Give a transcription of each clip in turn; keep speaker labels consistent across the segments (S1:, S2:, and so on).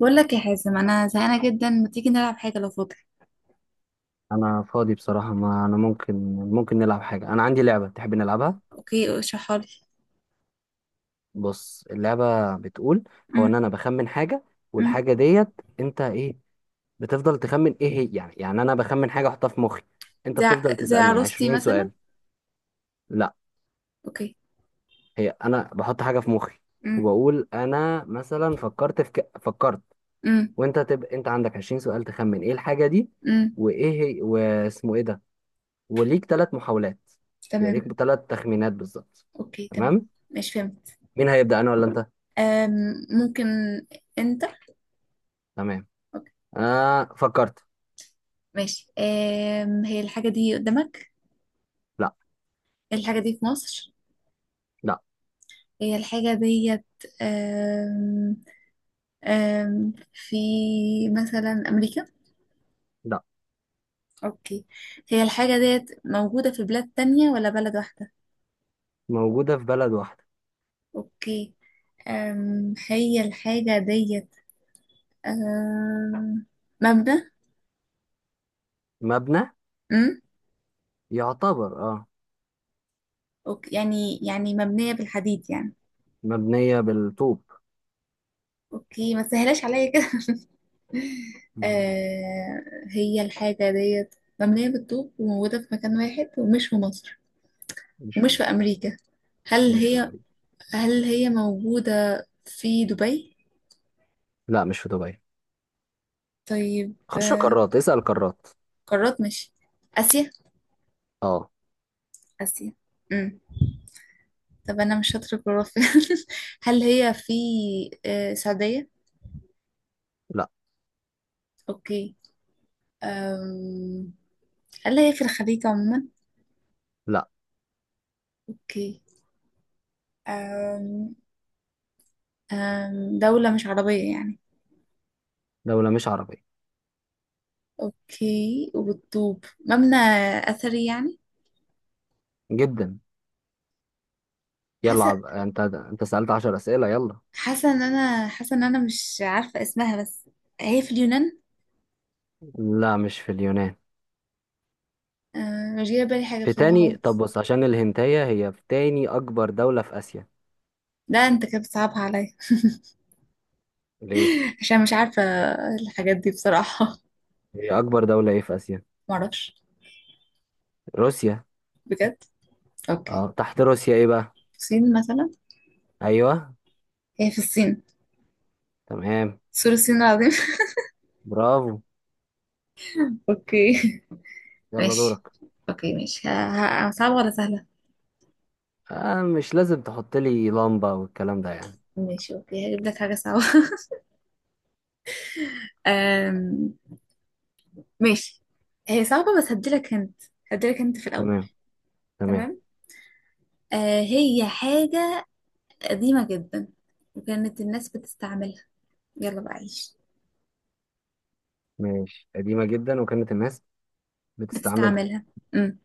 S1: بقول لك يا حازم، انا زهقانه جدا. ما تيجي نلعب حاجه لو فاضي؟
S2: انا فاضي بصراحة، ما انا ممكن نلعب حاجة. انا عندي لعبة، تحب نلعبها؟
S1: اوكي اشرحها لي.
S2: بص، اللعبة بتقول هو ان
S1: امم
S2: انا بخمن حاجة،
S1: امم
S2: والحاجة ديت انت ايه بتفضل تخمن ايه هي. يعني انا بخمن حاجة احطها في مخي، انت
S1: زي
S2: بتفضل
S1: زي
S2: تسألني
S1: عروستي
S2: عشرين
S1: مثلا.
S2: سؤال لا،
S1: اوكي.
S2: هي انا بحط حاجة في مخي،
S1: امم
S2: وبقول انا مثلا فكرت.
S1: امم
S2: وانت تبقى انت عندك 20 سؤال تخمن ايه الحاجة دي،
S1: امم
S2: وايه هي، واسمه ايه ده. وليك 3 محاولات، يعني
S1: تمام.
S2: ليك 3 تخمينات بالظبط.
S1: اوكي تمام.
S2: تمام،
S1: مش فهمت.
S2: مين هيبدأ، انا ولا انت؟
S1: أم ممكن انت.
S2: تمام.
S1: اوكي
S2: فكرت.
S1: ماشي. هي الحاجه دي قدامك؟
S2: لا،
S1: الحاجه دي في مصر؟
S2: لا،
S1: هي الحاجه ديت أم في مثلا امريكا؟
S2: لا.
S1: اوكي. هي الحاجه ديت موجوده في بلاد تانية ولا بلد واحده؟
S2: موجودة في بلد واحدة.
S1: اوكي. هي الحاجة ديت أم، مبنى؟
S2: مبنى؟
S1: أم؟
S2: يعتبر، اه.
S1: أوكي، يعني مبنية بالحديد يعني؟
S2: مبنية بالطوب.
S1: اوكي ما تسهلاش عليا كده.
S2: مم.
S1: أه، هي الحاجة ديت مبنية بالطوب وموجودة في مكان واحد ومش في مصر
S2: مش في
S1: ومش في
S2: مصر.
S1: أمريكا. هل
S2: مش في
S1: هي
S2: امريكا.
S1: هل هي موجودة في دبي؟
S2: لا، مش في دبي.
S1: طيب
S2: خش قارات، اسأل قارات.
S1: قارات. مش آسيا؟
S2: اه.
S1: آسيا. أم. طب أنا مش شاطرة في الجغرافيا. هل هي في السعودية؟
S2: لا،
S1: اوكي. أم... هل هي في الخليج عموما؟
S2: لا.
S1: اوكي. أم... دولة مش عربية يعني؟
S2: دولة مش عربية.
S1: اوكي، وبتطوب مبنى اثري يعني.
S2: جدا. يلا،
S1: حاسة
S2: انت سألت 10 أسئلة، يلا.
S1: حاسة ان انا مش عارفة اسمها بس. هي في اليونان؟
S2: لا، مش في اليونان.
S1: مش جاية بالي حاجة
S2: في
S1: بصراحة
S2: تاني، طب
S1: خالص.
S2: بص، عشان الهنتاية هي في تاني أكبر دولة في آسيا.
S1: لا انت كده بتصعبها عليا.
S2: ليه؟
S1: عشان مش عارفة الحاجات دي بصراحة.
S2: هي أكبر دولة إيه في آسيا؟
S1: معرفش.
S2: روسيا.
S1: بجد؟ اوكي.
S2: اه، تحت روسيا إيه بقى؟
S1: الصين مثلا؟
S2: ايوه.
S1: هي في الصين.
S2: تمام.
S1: سور الصين العظيم.
S2: برافو.
S1: اوكي
S2: يلا
S1: ماشي.
S2: دورك.
S1: اوكي ماشي. صعبة ولا سهلة؟
S2: آه، مش لازم تحط لي لمبة والكلام ده يعني.
S1: ماشي اوكي، هجيب لك حاجة صعبة. أم... ماشي. هي صعبة بس هديلك هنت. هديلك هنت في الأول.
S2: تمام، تمام.
S1: تمام. آه هي حاجة قديمة جدا وكانت الناس بتستعملها. يلا بقى عيش.
S2: ماشي، قديمة جدا وكانت الناس بتستعملها.
S1: بتستعملها. امم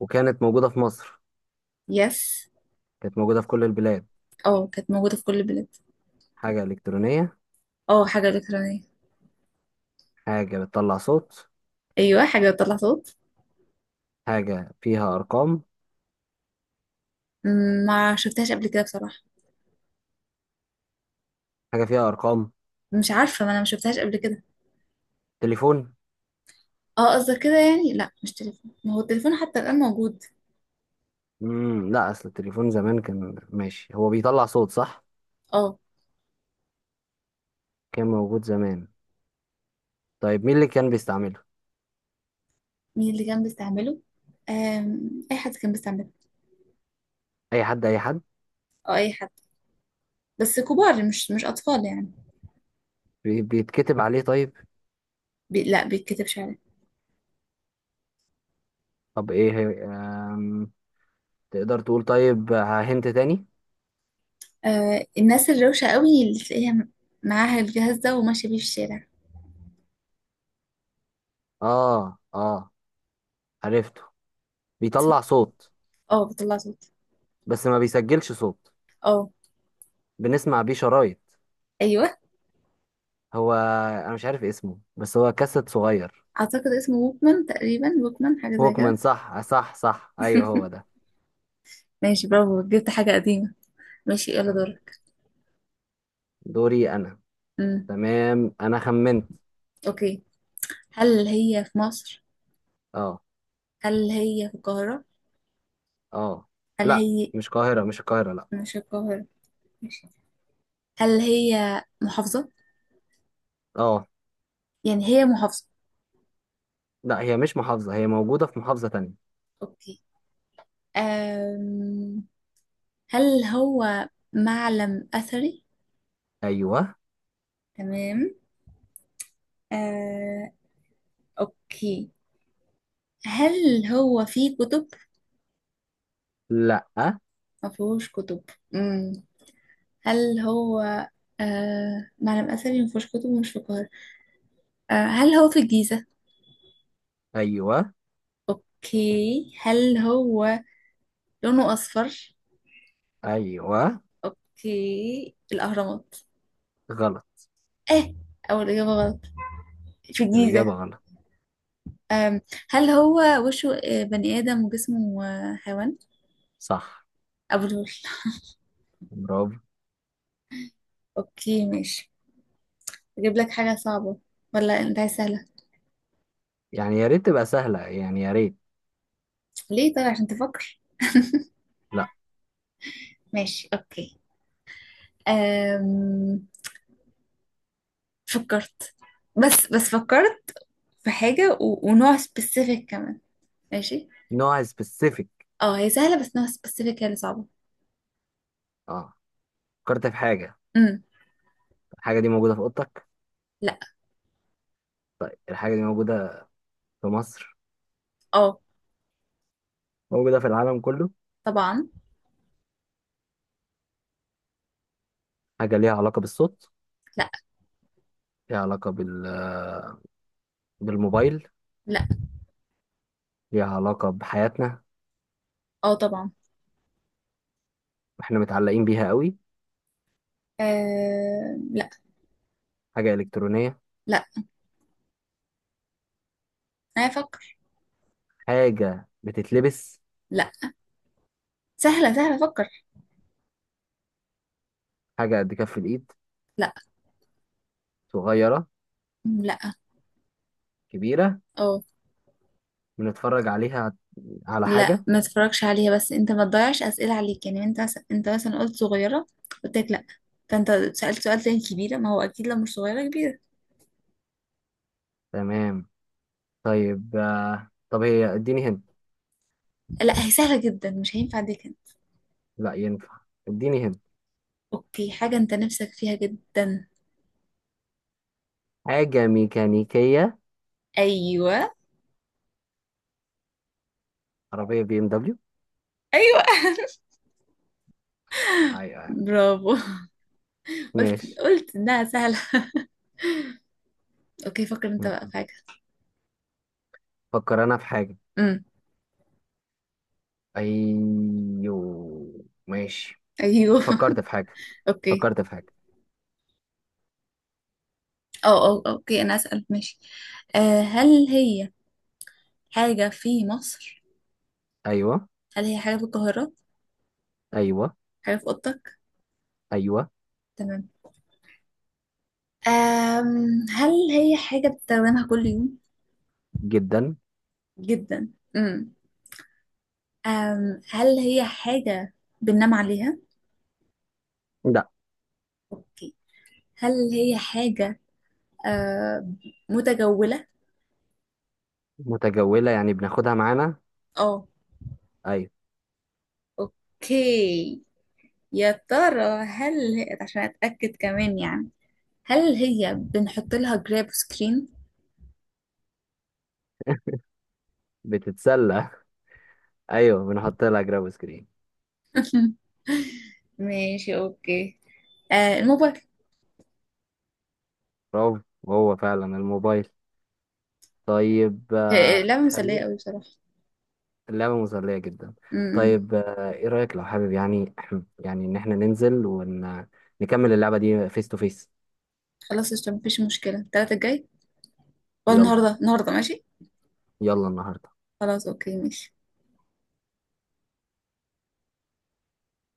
S2: وكانت موجودة في مصر.
S1: يس.
S2: كانت موجودة في كل البلاد.
S1: اه، كانت موجودة في كل البلاد.
S2: حاجة إلكترونية.
S1: اه، حاجة إلكترونية.
S2: حاجة بتطلع صوت.
S1: ايوه، حاجة بتطلع صوت.
S2: حاجة فيها أرقام.
S1: مم، ما شفتهاش قبل كده بصراحة.
S2: حاجة فيها أرقام.
S1: مش عارفة، ما انا ما شفتهاش قبل كده.
S2: تليفون.
S1: اه قصدك كده يعني؟ لا مش تليفون، ما هو التليفون حتى الآن موجود.
S2: مم، لا، أصل التليفون زمان كان ماشي، هو بيطلع صوت، صح؟
S1: اه.
S2: كان موجود زمان. طيب مين اللي كان بيستعمله؟
S1: مين اللي كان بيستعمله؟ آم، اي حد كان بيستعمله.
S2: أي حد، أي حد.
S1: اه اي حد، بس كبار مش اطفال يعني.
S2: بيتكتب عليه؟ طيب،
S1: بي لا بيتكتبش عليه.
S2: طب إيه هي- آم، تقدر تقول طيب هنت تاني.
S1: آه، الناس الروشه قوي اللي تلاقيها معاها الجهاز ده وماشيه بيه في الشارع.
S2: اه، اه، عرفته.
S1: اسمه؟
S2: بيطلع صوت
S1: اه بيطلع صوت.
S2: بس ما بيسجلش صوت،
S1: اه
S2: بنسمع بيه شرايط.
S1: ايوه،
S2: هو انا مش عارف اسمه بس هو كاسيت صغير.
S1: اعتقد اسمه ووكمان تقريبا، ووكمان حاجه زي
S2: ووكمان،
S1: كده.
S2: صح، صح، صح، ايوه هو ده.
S1: ماشي برافو، جبت حاجه قديمه. ماشي يلا
S2: تمام.
S1: دورك.
S2: دوري انا.
S1: امم
S2: تمام، انا خمنت.
S1: اوكي. هل هي في مصر؟
S2: اه.
S1: هل هي في القاهره؟
S2: اه.
S1: هل
S2: لا،
S1: هي
S2: مش القاهرة، مش القاهرة، لا.
S1: مش القاهره؟ ماشي. هل هي محافظه؟
S2: اه.
S1: يعني هي محافظه؟
S2: لا، هي مش محافظة، هي موجودة في محافظة تانية.
S1: اوكي. أم هل هو معلم اثري؟
S2: ايوه.
S1: تمام. أه اوكي. هل هو فيه كتب؟
S2: لا.
S1: ما فيهوش كتب. مم. هل هو أه معلم اثري ما فيهوش كتب ومش في القاهره؟ أه هل هو في الجيزه؟
S2: ايوه.
S1: اوكي، هل هو لونه اصفر؟
S2: ايوه.
S1: اوكي، الاهرامات.
S2: غلط.
S1: اه، اول اجابه غلط، في الجيزه.
S2: الإجابة غلط.
S1: أم هل هو وشه بني ادم وجسمه حيوان؟
S2: صح.
S1: ابو الهول.
S2: برافو.
S1: اوكي ماشي. اجيب لك حاجة صعبة ولا انت عايز سهلة؟
S2: يعني يا ريت تبقى سهلة، يعني يا ريت.
S1: ليه؟ طيب عشان تفكر.
S2: لا.
S1: ماشي اوكي. أم... فكرت. بس فكرت في حاجة ونوع سبيسيفيك كمان. ماشي.
S2: نوع سبيسيفيك.
S1: اه هي سهلة بس نوع سبيسيفيك هي اللي صعبة.
S2: اه. فكرت في حاجة.
S1: امم
S2: الحاجة دي موجودة في أوضتك؟
S1: لا.
S2: طيب، الحاجة دي موجودة في مصر.
S1: اه
S2: موجودة في العالم كله.
S1: طبعا.
S2: حاجة ليها علاقة بالصوت.
S1: لا.
S2: ليها علاقة بال... بالموبايل.
S1: لا.
S2: ليها علاقة بحياتنا.
S1: اه طبعا.
S2: واحنا متعلقين بيها قوي.
S1: أم... لا.
S2: حاجة إلكترونية.
S1: لا، انا افكر.
S2: حاجة بتتلبس.
S1: لا. سهلة سهلة، فكر.
S2: حاجة قد كف الإيد.
S1: لا.
S2: صغيرة.
S1: لا.
S2: كبيرة.
S1: اه.
S2: بنتفرج عليها، على
S1: لا
S2: حاجة.
S1: ما تتفرجش عليها، بس انت ما تضيعش اسئله عليك يعني. انت مثلا، قلت صغيره، قلت لك لا، فانت سالت سؤال تاني كبيره. ما هو اكيد لو مش صغيره كبيره.
S2: تمام. طيب، طب هي اديني هنا.
S1: لا هي سهله جدا مش هينفع اديك انت.
S2: لا، ينفع، اديني هنا.
S1: اوكي، حاجه انت نفسك فيها جدا.
S2: حاجة ميكانيكية.
S1: ايوه.
S2: عربية بي ام دبليو.
S1: ايوه.
S2: ايوه. ايوه.
S1: برافو. قلت
S2: ماشي.
S1: قلت انها سهله. اوكي فكر انت بقى في
S2: م.
S1: حاجه.
S2: فكر أنا في حاجة.
S1: امم
S2: أيوه، ماشي.
S1: ايوه.
S2: فكرت في حاجة.
S1: اوكي.
S2: فكرت في حاجة.
S1: اه اه اوكي انا اسال، ماشي. آه هل هي حاجه في مصر؟
S2: أيوه.
S1: هل هي حاجه في القاهره؟
S2: أيوه.
S1: حاجه في اوضتك؟
S2: أيوه.
S1: تمام. هل هي حاجة بتستخدمها كل يوم؟
S2: جدا.
S1: جدا. أم هل هي حاجة بننام عليها؟
S2: لا.
S1: أوكي. هل هي حاجة أم، متجولة؟
S2: متجولة يعني بناخدها معانا.
S1: اه.
S2: أيوه.
S1: اوكي. يا ترى هل هي، عشان أتأكد كمان يعني، هل هي بنحط لها جراب سكرين؟
S2: بتتسلى. أيوه، بنحط لها جراب سكرين.
S1: ماشي اوكي. آه الموبايل.
S2: برافو. هو فعلا الموبايل. طيب،
S1: لعبة مسلية
S2: خلينا.
S1: قوي بصراحة.
S2: اللعبة مسلية جدا.
S1: أمم.
S2: طيب، ايه رأيك لو حابب يعني يعني ان احنا ننزل ونكمل اللعبة دي فيس تو فيس.
S1: خلاص قشطة، مفيش مشكلة. التلاتة الجاي ولا
S2: يلا،
S1: النهاردة؟ النهاردة ماشي.
S2: يلا النهاردة.
S1: خلاص اوكي ماشي.